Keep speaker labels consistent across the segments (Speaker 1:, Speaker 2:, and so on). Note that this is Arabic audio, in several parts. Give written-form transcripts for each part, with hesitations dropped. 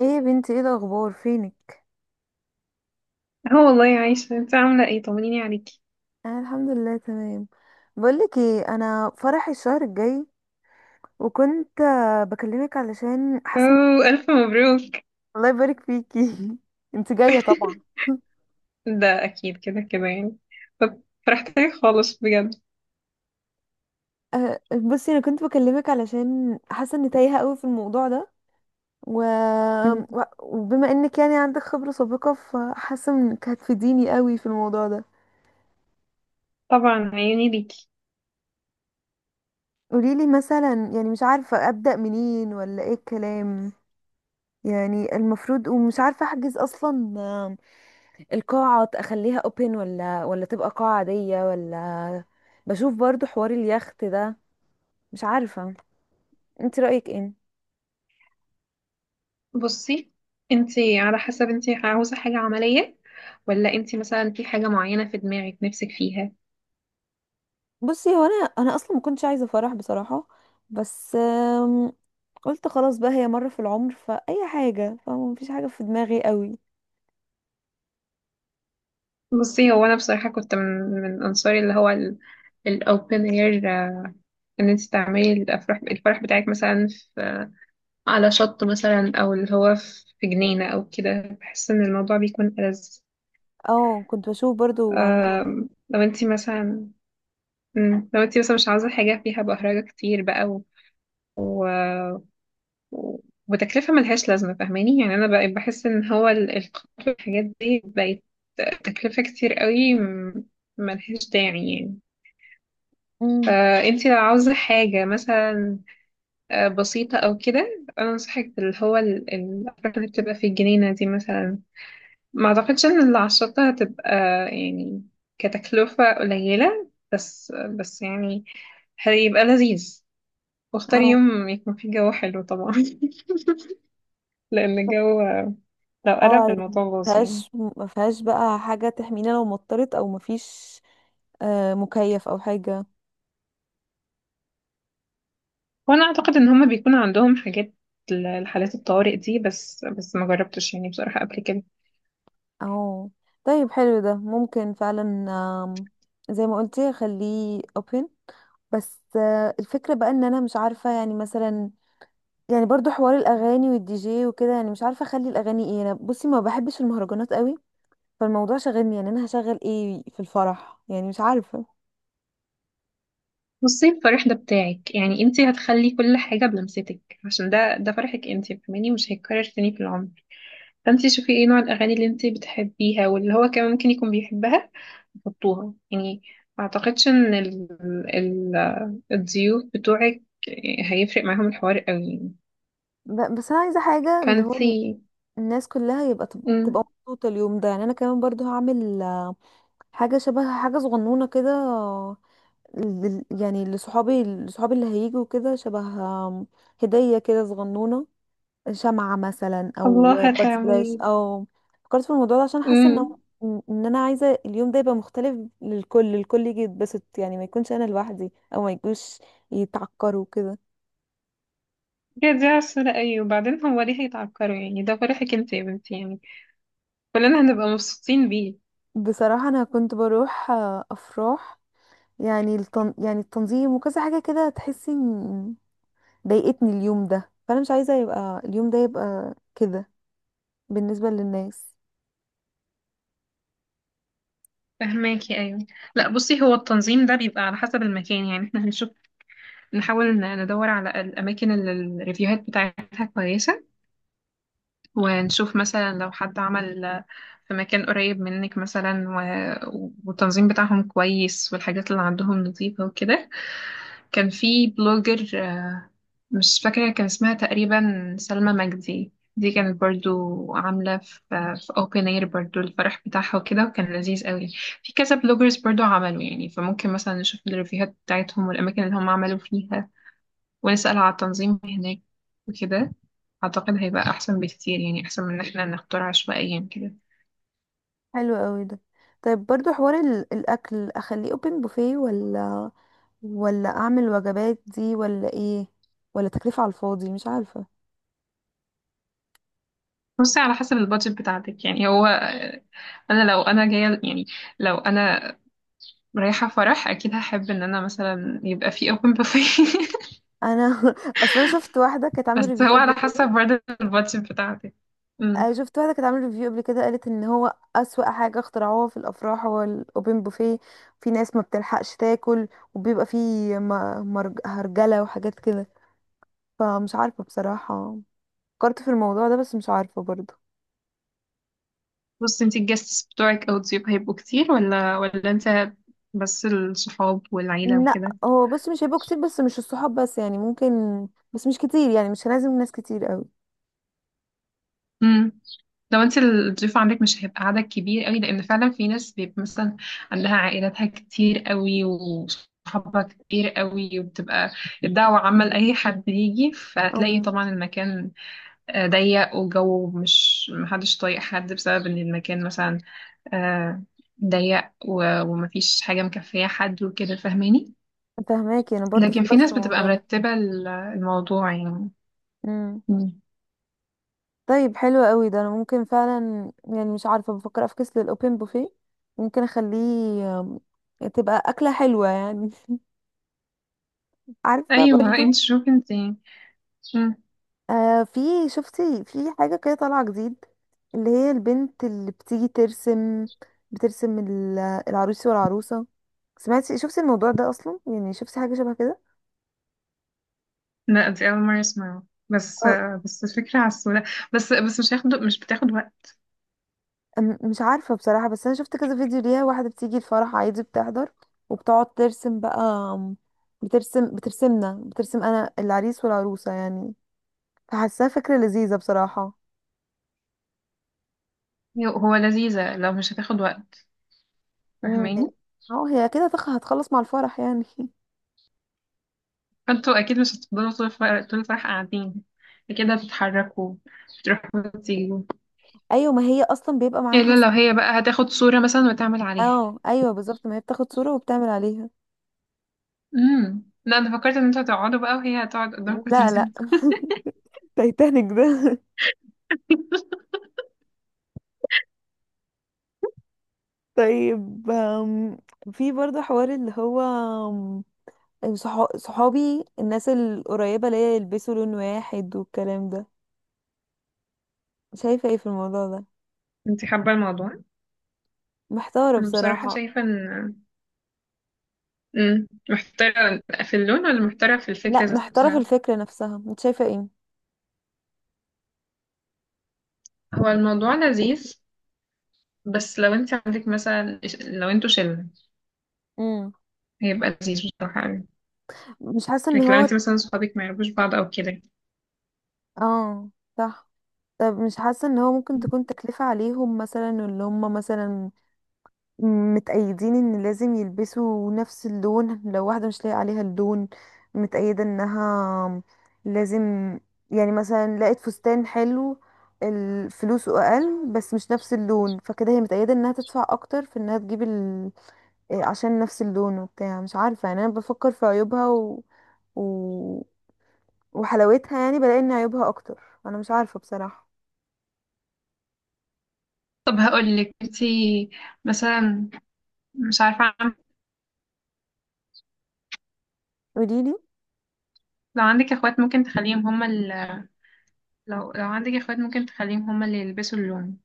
Speaker 1: ايه يا بنتي، ايه الاخبار؟ فينك؟
Speaker 2: اه والله عايشة، انت عاملة ايه؟ طمنيني عليكي.
Speaker 1: انا الحمد لله تمام. بقولك ايه، انا فرحي الشهر الجاي. وكنت بكلمك علشان حاسه
Speaker 2: اوه ألف مبروك.
Speaker 1: الله يبارك فيكي انت جايه طبعا.
Speaker 2: ده أكيد كده كده يعني. طب فرحت لك خالص بجد.
Speaker 1: بصي، انا كنت بكلمك علشان حاسه اني تايهه قوي في الموضوع ده و...
Speaker 2: مم.
Speaker 1: وبما انك يعني عندك خبره سابقه، فحاسه انك هتفيديني قوي في الموضوع ده.
Speaker 2: طبعا عيوني ليكي.
Speaker 1: قوليلي مثلا، يعني مش عارفه ابدا منين ولا ايه الكلام، يعني المفروض، ومش عارفه احجز اصلا. القاعة اخليها اوبن ولا تبقى قاعة عادية، ولا بشوف برضو حوار اليخت ده؟ مش عارفة، انت رأيك ايه؟
Speaker 2: بصي انت، على حسب انت عاوزة حاجة عملية، ولا انت مثلا في حاجة معينة في دماغك نفسك فيها.
Speaker 1: بصي، هو انا اصلا ما كنتش عايزة فرح بصراحة، بس قلت خلاص بقى، هي مرة في العمر فأي حاجة، فما فيش حاجة في دماغي قوي.
Speaker 2: بصي هو أنا بصراحة كنت من من أنصاري اللي هو الأوبن اير، ان انت تعملي الفرح بتاعك مثلا على شط مثلا، او اللي هو في جنينة او كده. بحس ان الموضوع بيكون ألذ.
Speaker 1: اه، كنت بشوف برضو عن الحوار.
Speaker 2: لو انتي مثلا، لو انتي مثلا مش عاوزة حاجة فيها بهرجة كتير بقى، و... و- وتكلفة ملهاش لازمة، فاهماني؟ يعني انا بقى بحس ان هو القطر والحاجات دي بقت تكلفة كتير قوي، ملهاش داعي يعني.
Speaker 1: امم.
Speaker 2: فانتي لو عاوزة حاجة مثلا بسيطة او كده، انا انصحك اللي هو الأفراح اللي بتبقى في الجنينة دي مثلا. ما اعتقدش ان العشرة هتبقى يعني كتكلفة قليلة، بس يعني هيبقى لذيذ. واختاري
Speaker 1: اه،
Speaker 2: يوم يكون فيه جو حلو طبعا. لان الجو، لو
Speaker 1: اه،
Speaker 2: قلب
Speaker 1: عارف.
Speaker 2: الموضوع باظ يعني.
Speaker 1: مفيهاش مفيهاش بقى حاجة تحمينا لو مطرت، او مفيش مكيف او حاجة.
Speaker 2: وانا اعتقد ان هما بيكون عندهم حاجات لحالات الطوارئ دي، بس ما جربتش يعني بصراحة قبل كده.
Speaker 1: اه، طيب حلو ده، ممكن فعلا. آم، زي ما قلتي خليه open. بس الفكرة بقى ان انا مش عارفة، يعني مثلا، يعني برضو حوار الاغاني والدي جي وكده، يعني مش عارفة اخلي الاغاني ايه. انا بصي ما بحبش المهرجانات قوي، فالموضوع شاغلني، يعني انا هشغل ايه في الفرح، يعني مش عارفة.
Speaker 2: بصي الفرح ده بتاعك يعني انتي هتخلي كل حاجة بلمستك، عشان ده فرحك انتي، فاهماني؟ مش هيتكرر تاني في العمر. فانتي شوفي ايه نوع الاغاني اللي انتي بتحبيها واللي هو كمان ممكن يكون بيحبها، حطوها يعني. ما اعتقدش ان ال... الضيوف بتوعك هيفرق معاهم الحوار قوي يعني.
Speaker 1: بس انا عايزة حاجة، اللي هو
Speaker 2: فانتي،
Speaker 1: الناس كلها يبقى تبقى
Speaker 2: مم.
Speaker 1: مبسوطة اليوم ده، يعني انا كمان برضو هعمل حاجة شبه حاجة صغنونة كده يعني لصحابي لصحابي اللي هيجوا، كده شبه آم، هدية كده صغنونة، شمعة مثلا او
Speaker 2: الله
Speaker 1: بادز بلاش.
Speaker 2: هتعملي.
Speaker 1: او فكرت في الموضوع ده عشان حاسة انه
Speaker 2: امم.
Speaker 1: ان إن انا عايزة اليوم ده يبقى مختلف للكل، الكل يجي يتبسط، يعني ما يكونش انا لوحدي او ما يجوش يتعكروا كده.
Speaker 2: يا دي عسولة، أيوة. وبعدين هو ليه هيتعكروا يعني؟ ده فرحك انت يا بنتي يعني، كلنا هنبقى مبسوطين بيه.
Speaker 1: بصراحة انا كنت بروح افراح، يعني يعني التنظيم وكذا حاجة كده، تحسي إن ضايقتني اليوم ده، فانا مش عايزة يبقى اليوم ده يبقى كده بالنسبة للناس.
Speaker 2: فهماكي، أيوة. لا بصي هو التنظيم ده بيبقى على حسب المكان. يعني احنا هنشوف، نحاول ندور على الأماكن اللي الريفيوهات بتاعتها كويسة، ونشوف مثلا لو حد عمل في مكان قريب منك مثلا، والتنظيم بتاعهم كويس، والحاجات اللي عندهم نظيفة وكده. كان في بلوجر مش فاكرة كان اسمها، تقريبا سلمى مجدي، دي كانت برضو عاملة في في اوبن اير برضو الفرح بتاعها وكده، وكان لذيذ قوي. في كذا بلوجرز برضو عملوا يعني، فممكن مثلا نشوف الريفيوهات بتاعتهم والأماكن اللي هم عملوا فيها، ونسأل على التنظيم هناك وكده. أعتقد هيبقى أحسن بكتير يعني، أحسن من إن احنا نختار عشوائيا كده.
Speaker 1: حلو قوي ده. طيب برضو حوار الاكل، اخليه اوبن بوفيه، ولا ولا اعمل وجبات دي، ولا ايه، ولا تكلفة على الفاضي، مش عارفة.
Speaker 2: بصي على حسب البادجت بتاعتك يعني. هو أنا لو أنا جاية يعني، لو أنا رايحة فرح، أكيد هحب إن أنا مثلا يبقى في أوبن بوفيه.
Speaker 1: انا اصلا شفت واحدة كانت عاملة
Speaker 2: بس
Speaker 1: ريفيو
Speaker 2: هو
Speaker 1: قبل
Speaker 2: على
Speaker 1: كده.
Speaker 2: حسب برضه البادجت بتاعتك. أمم.
Speaker 1: شفت واحدة كانت عاملة ريفيو قبل كده، قالت ان هو اسوأ حاجة اخترعوها في الافراح هو الاوبن بوفيه، في ناس ما بتلحقش تاكل، وبيبقى فيه هرجلة وحاجات كده، فمش عارفة بصراحة. فكرت في الموضوع ده بس مش عارفة برضو.
Speaker 2: بصي انتي الجاستس بتوعك أو الضيوف هيبقوا كتير، ولا انت بس الصحاب والعيلة
Speaker 1: لا
Speaker 2: وكده؟
Speaker 1: هو بص، مش هيبقوا كتير، بس مش الصحاب بس يعني، ممكن بس مش كتير، يعني مش لازم ناس كتير قوي.
Speaker 2: لو انت الضيف عندك مش هيبقى عدد كبير قوي، لان فعلا في ناس بيبقى مثلا عندها عائلاتها كتير قوي وصحابها كتير قوي، وبتبقى الدعوة عامة لأي حد يجي،
Speaker 1: او
Speaker 2: فهتلاقي طبعا المكان ضيق، والجو مش، محدش طايق حد بسبب ان المكان مثلا آه، ضيق ومفيش حاجة مكفية حد وكده، فاهماني؟
Speaker 1: فهماكي، انا برضو
Speaker 2: لكن في
Speaker 1: فكرت في
Speaker 2: ناس بتبقى
Speaker 1: الموضوع ده.
Speaker 2: مرتبة الموضوع يعني.
Speaker 1: امم.
Speaker 2: مم.
Speaker 1: طيب حلو قوي ده، انا ممكن فعلا، يعني مش عارفه، بفكر افكس للاوبن بوفيه، ممكن اخليه آم، تبقى اكله حلوه يعني عارفه
Speaker 2: ايوه
Speaker 1: برضو.
Speaker 2: انت شوفي انت. مم.
Speaker 1: في، شفتي في حاجة كده طالعة جديد، اللي هي البنت اللي بتيجي ترسم، بترسم العروس والعروسة. سمعتي؟ شفتي الموضوع ده أصلا؟ يعني شفتي حاجة شبه كده؟
Speaker 2: لا دي أول مرة أسمعه. بس،
Speaker 1: اه.
Speaker 2: بس الفكرة على السوداء، بس مش هياخد، مش بتاخد وقت.
Speaker 1: مش عارفة بصراحة، بس أنا شفت كذا فيديو ليها، واحدة بتيجي الفرح عادي، بتحضر وبتقعد ترسم بقى، بترسم أنا العريس والعروسة يعني. فحاساها فكرة لذيذة بصراحة.
Speaker 2: هو لذيذة لو مش هتاخد وقت،
Speaker 1: امم.
Speaker 2: فاهماني؟
Speaker 1: اه، هي كده هتخلص مع الفرح يعني
Speaker 2: فانتوا أكيد مش هتفضلوا طول الفرح، طول الفرح قاعدين كده، هتتحركوا، تروحوا وتيجوا.
Speaker 1: ايوه، ما هي اصلا بيبقى معاها.
Speaker 2: إلا لو هي بقى هتاخد صورة مثلا وتعمل عليها.
Speaker 1: اه، ايوه بالظبط، ما هي بتاخد صورة وبتعمل عليها.
Speaker 2: امم، لا أنا فكرت إن انتوا هتقعدوا بقى وهي هتقعد قدامكم
Speaker 1: لا، لا.
Speaker 2: وترسمكم.
Speaker 1: تايتانيك ده طيب في برضه حوار اللي هو صحابي، الناس القريبة ليا، يلبسوا لون واحد والكلام ده. شايفة ايه في الموضوع ده؟
Speaker 2: انتي حابة الموضوع؟
Speaker 1: محتارة
Speaker 2: أنا بصراحة
Speaker 1: بصراحة.
Speaker 2: شايفة إن، مم، محتارة في اللون ولا محتارة في الفكرة
Speaker 1: لا،
Speaker 2: ذات
Speaker 1: محتارة في
Speaker 2: نفسها؟
Speaker 1: الفكرة نفسها، انت شايفة ايه؟
Speaker 2: هو الموضوع لذيذ، بس لو انت عندك مثلا، لو انتوا شلة،
Speaker 1: امم،
Speaker 2: هيبقى لذيذ بصراحة أوي.
Speaker 1: مش حاسة ان
Speaker 2: لكن لو
Speaker 1: هو.
Speaker 2: انت مثلا صحابك ما يعرفوش بعض او كده.
Speaker 1: اه صح. طب مش حاسة ان هو ممكن تكون تكلفة عليهم مثلا، اللي هم مثلا متأيدين ان لازم يلبسوا نفس اللون، لو واحدة مش لاقي عليها اللون، متأيدة انها لازم، يعني مثلا لقت فستان حلو فلوسه اقل بس مش نفس اللون، فكده هي متأيدة انها تدفع اكتر في انها تجيب عشان نفس اللون وبتاع. مش عارفة، يعني انا بفكر في عيوبها و... وحلاوتها، يعني بلاقي ان عيوبها اكتر، انا مش عارفة بصراحة.
Speaker 2: طب هقول لك انت مثلا، مش عارفة،
Speaker 1: قوليلي.
Speaker 2: لو عندك اخوات ممكن تخليهم هما لو لو عندك اخوات ممكن تخليهم هما اللي يلبسوا اللون،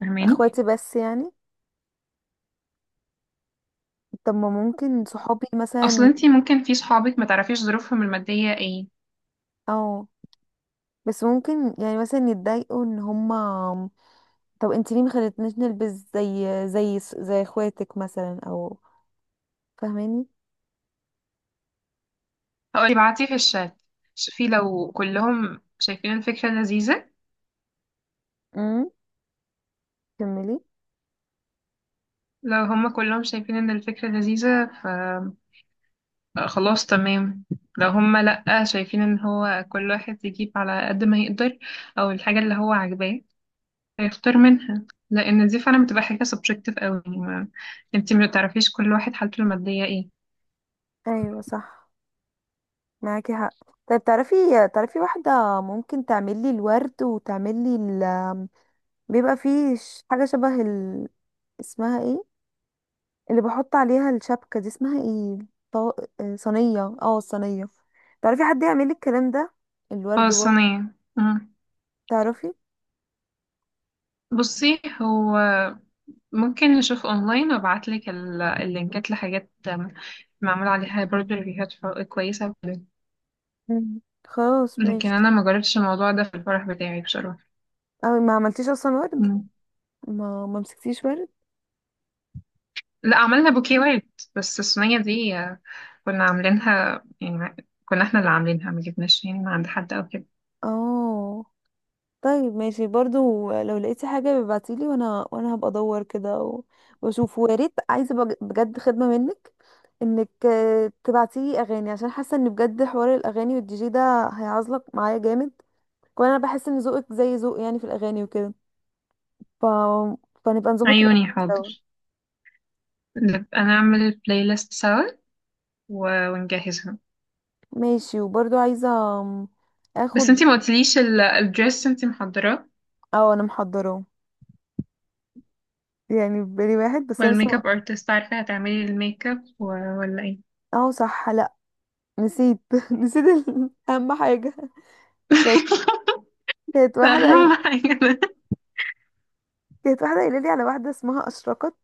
Speaker 2: فاهماني؟
Speaker 1: اخواتي بس يعني، طب ما ممكن صحابي
Speaker 2: اصلا
Speaker 1: مثلا.
Speaker 2: انت ممكن في صحابك ما تعرفيش ظروفهم المادية ايه.
Speaker 1: اه، بس ممكن يعني مثلا يتضايقوا ان هما، طب انت ليه ما خلتنيش نلبس زي اخواتك مثلا، او فاهماني.
Speaker 2: هقول ابعتي في الشات، شوفي لو كلهم شايفين الفكرة لذيذة.
Speaker 1: امم، كملي.
Speaker 2: لو هما كلهم شايفين ان الفكرة لذيذة ف خلاص تمام. لو هما لأ شايفين، ان هو كل واحد يجيب على قد ما يقدر، او الحاجة اللي هو عاجباه هيختار منها، لان دي فعلا بتبقى حاجة سبجكتيف قوي يعني. ما انتي ما تعرفيش كل واحد حالته المادية ايه.
Speaker 1: ايوه صح، معاكي حق. طيب تعرفي، تعرفي واحدة ممكن تعملي الورد، وتعملي ال، بيبقى فيه حاجة شبه اسمها ايه، اللي بحط عليها الشبكة دي اسمها ايه؟ طو... صينية، الصينية. تعرفي حد يعمل لي الكلام ده، الورد
Speaker 2: خلاص
Speaker 1: برضه؟
Speaker 2: انا، مم.
Speaker 1: تعرفي؟
Speaker 2: بصي هو ممكن نشوف اونلاين، وابعتلك اللينكات لحاجات معمول عليها برضه ريفيوهات كويسة وكده.
Speaker 1: مم. خلاص
Speaker 2: لكن
Speaker 1: ماشي.
Speaker 2: انا ما جربتش الموضوع ده في الفرح بتاعي بصراحة.
Speaker 1: اه، ما عملتيش اصلا ورد؟
Speaker 2: مم.
Speaker 1: ما مسكتيش ورد؟
Speaker 2: لا عملنا بوكيوات. بس الصينية دي كنا عاملينها يعني كنا احنا اللي عاملينها، ما جبناش يعني من عند حد او كده.
Speaker 1: اه، طيب ماشي. برضو لو لقيتي حاجة ببعتيلي، وانا هبقى ادور كده واشوف. ويا ريت، عايزة بجد خدمة منك، انك تبعتيلي اغاني، عشان حاسة ان بجد حوار الاغاني والدي جي ده هيعزلك معايا جامد، وانا بحس ان ذوقك زي ذوق يعني في الاغاني وكده ف... فنبقى نظبط الاغاني
Speaker 2: عيوني
Speaker 1: سوا.
Speaker 2: حاضر، نبقى نعمل بلاي ليست سوا ونجهزها.
Speaker 1: ماشي. وبرضو عايزة آم،
Speaker 2: بس
Speaker 1: اخد.
Speaker 2: انتي ما قلتليش الدريس انتي محضراه؟
Speaker 1: اه، انا محضراه، يعني في بالي واحد، بس انا لسه
Speaker 2: والميك اب ارتست، عارفة هتعملي الميك اب ولا ايه؟
Speaker 1: اه صح. لا نسيت نسيت اهم حاجه. كانت كانت واحده قايل-
Speaker 2: اهم حاجة ده.
Speaker 1: كانت واحده قايله لي على واحده اسمها اشرقت،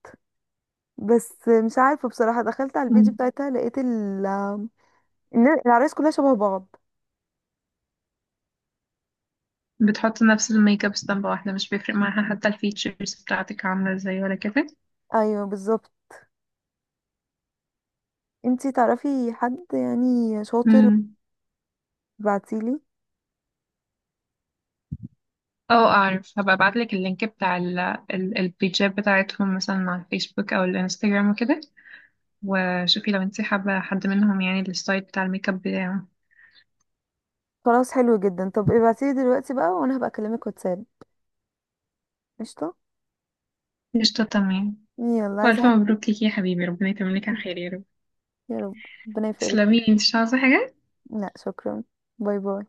Speaker 1: بس مش عارفه بصراحه، دخلت على البيج
Speaker 2: مم.
Speaker 1: بتاعتها لقيت ال إن العرايس كلها شبه بعض.
Speaker 2: بتحطي نفس الميك اب، اسطمبة واحدة مش بيفرق معاها حتى الفيتشرز بتاعتك عاملة ازاي ولا كده.
Speaker 1: ايوه بالظبط، انتي تعرفي حد يعني شاطر؟
Speaker 2: مم.
Speaker 1: ابعتيلي.
Speaker 2: اه اعرف، هبقى ابعتلك اللينك بتاع البيجات بتاعتهم مثلا على الفيسبوك او الانستجرام وكده، وشوفي لو انتي حابة حد منهم، يعني الستايل بتاع الميك اب بتاعه.
Speaker 1: خلاص حلو جدا، طب ابعتيلي دلوقتي بقى، وانا هبقى اكلمك واتساب. قشطه.
Speaker 2: قشطة تمام.
Speaker 1: يلا، عايزه
Speaker 2: والف
Speaker 1: حاجه؟
Speaker 2: مبروك ليكي يا حبيبي، ربنا يتمم لك على خير يا رب.
Speaker 1: يا رب، ربنا يفرجك.
Speaker 2: تسلمي انتي، مش عاوزة حاجة؟
Speaker 1: لا شكرا، باي باي.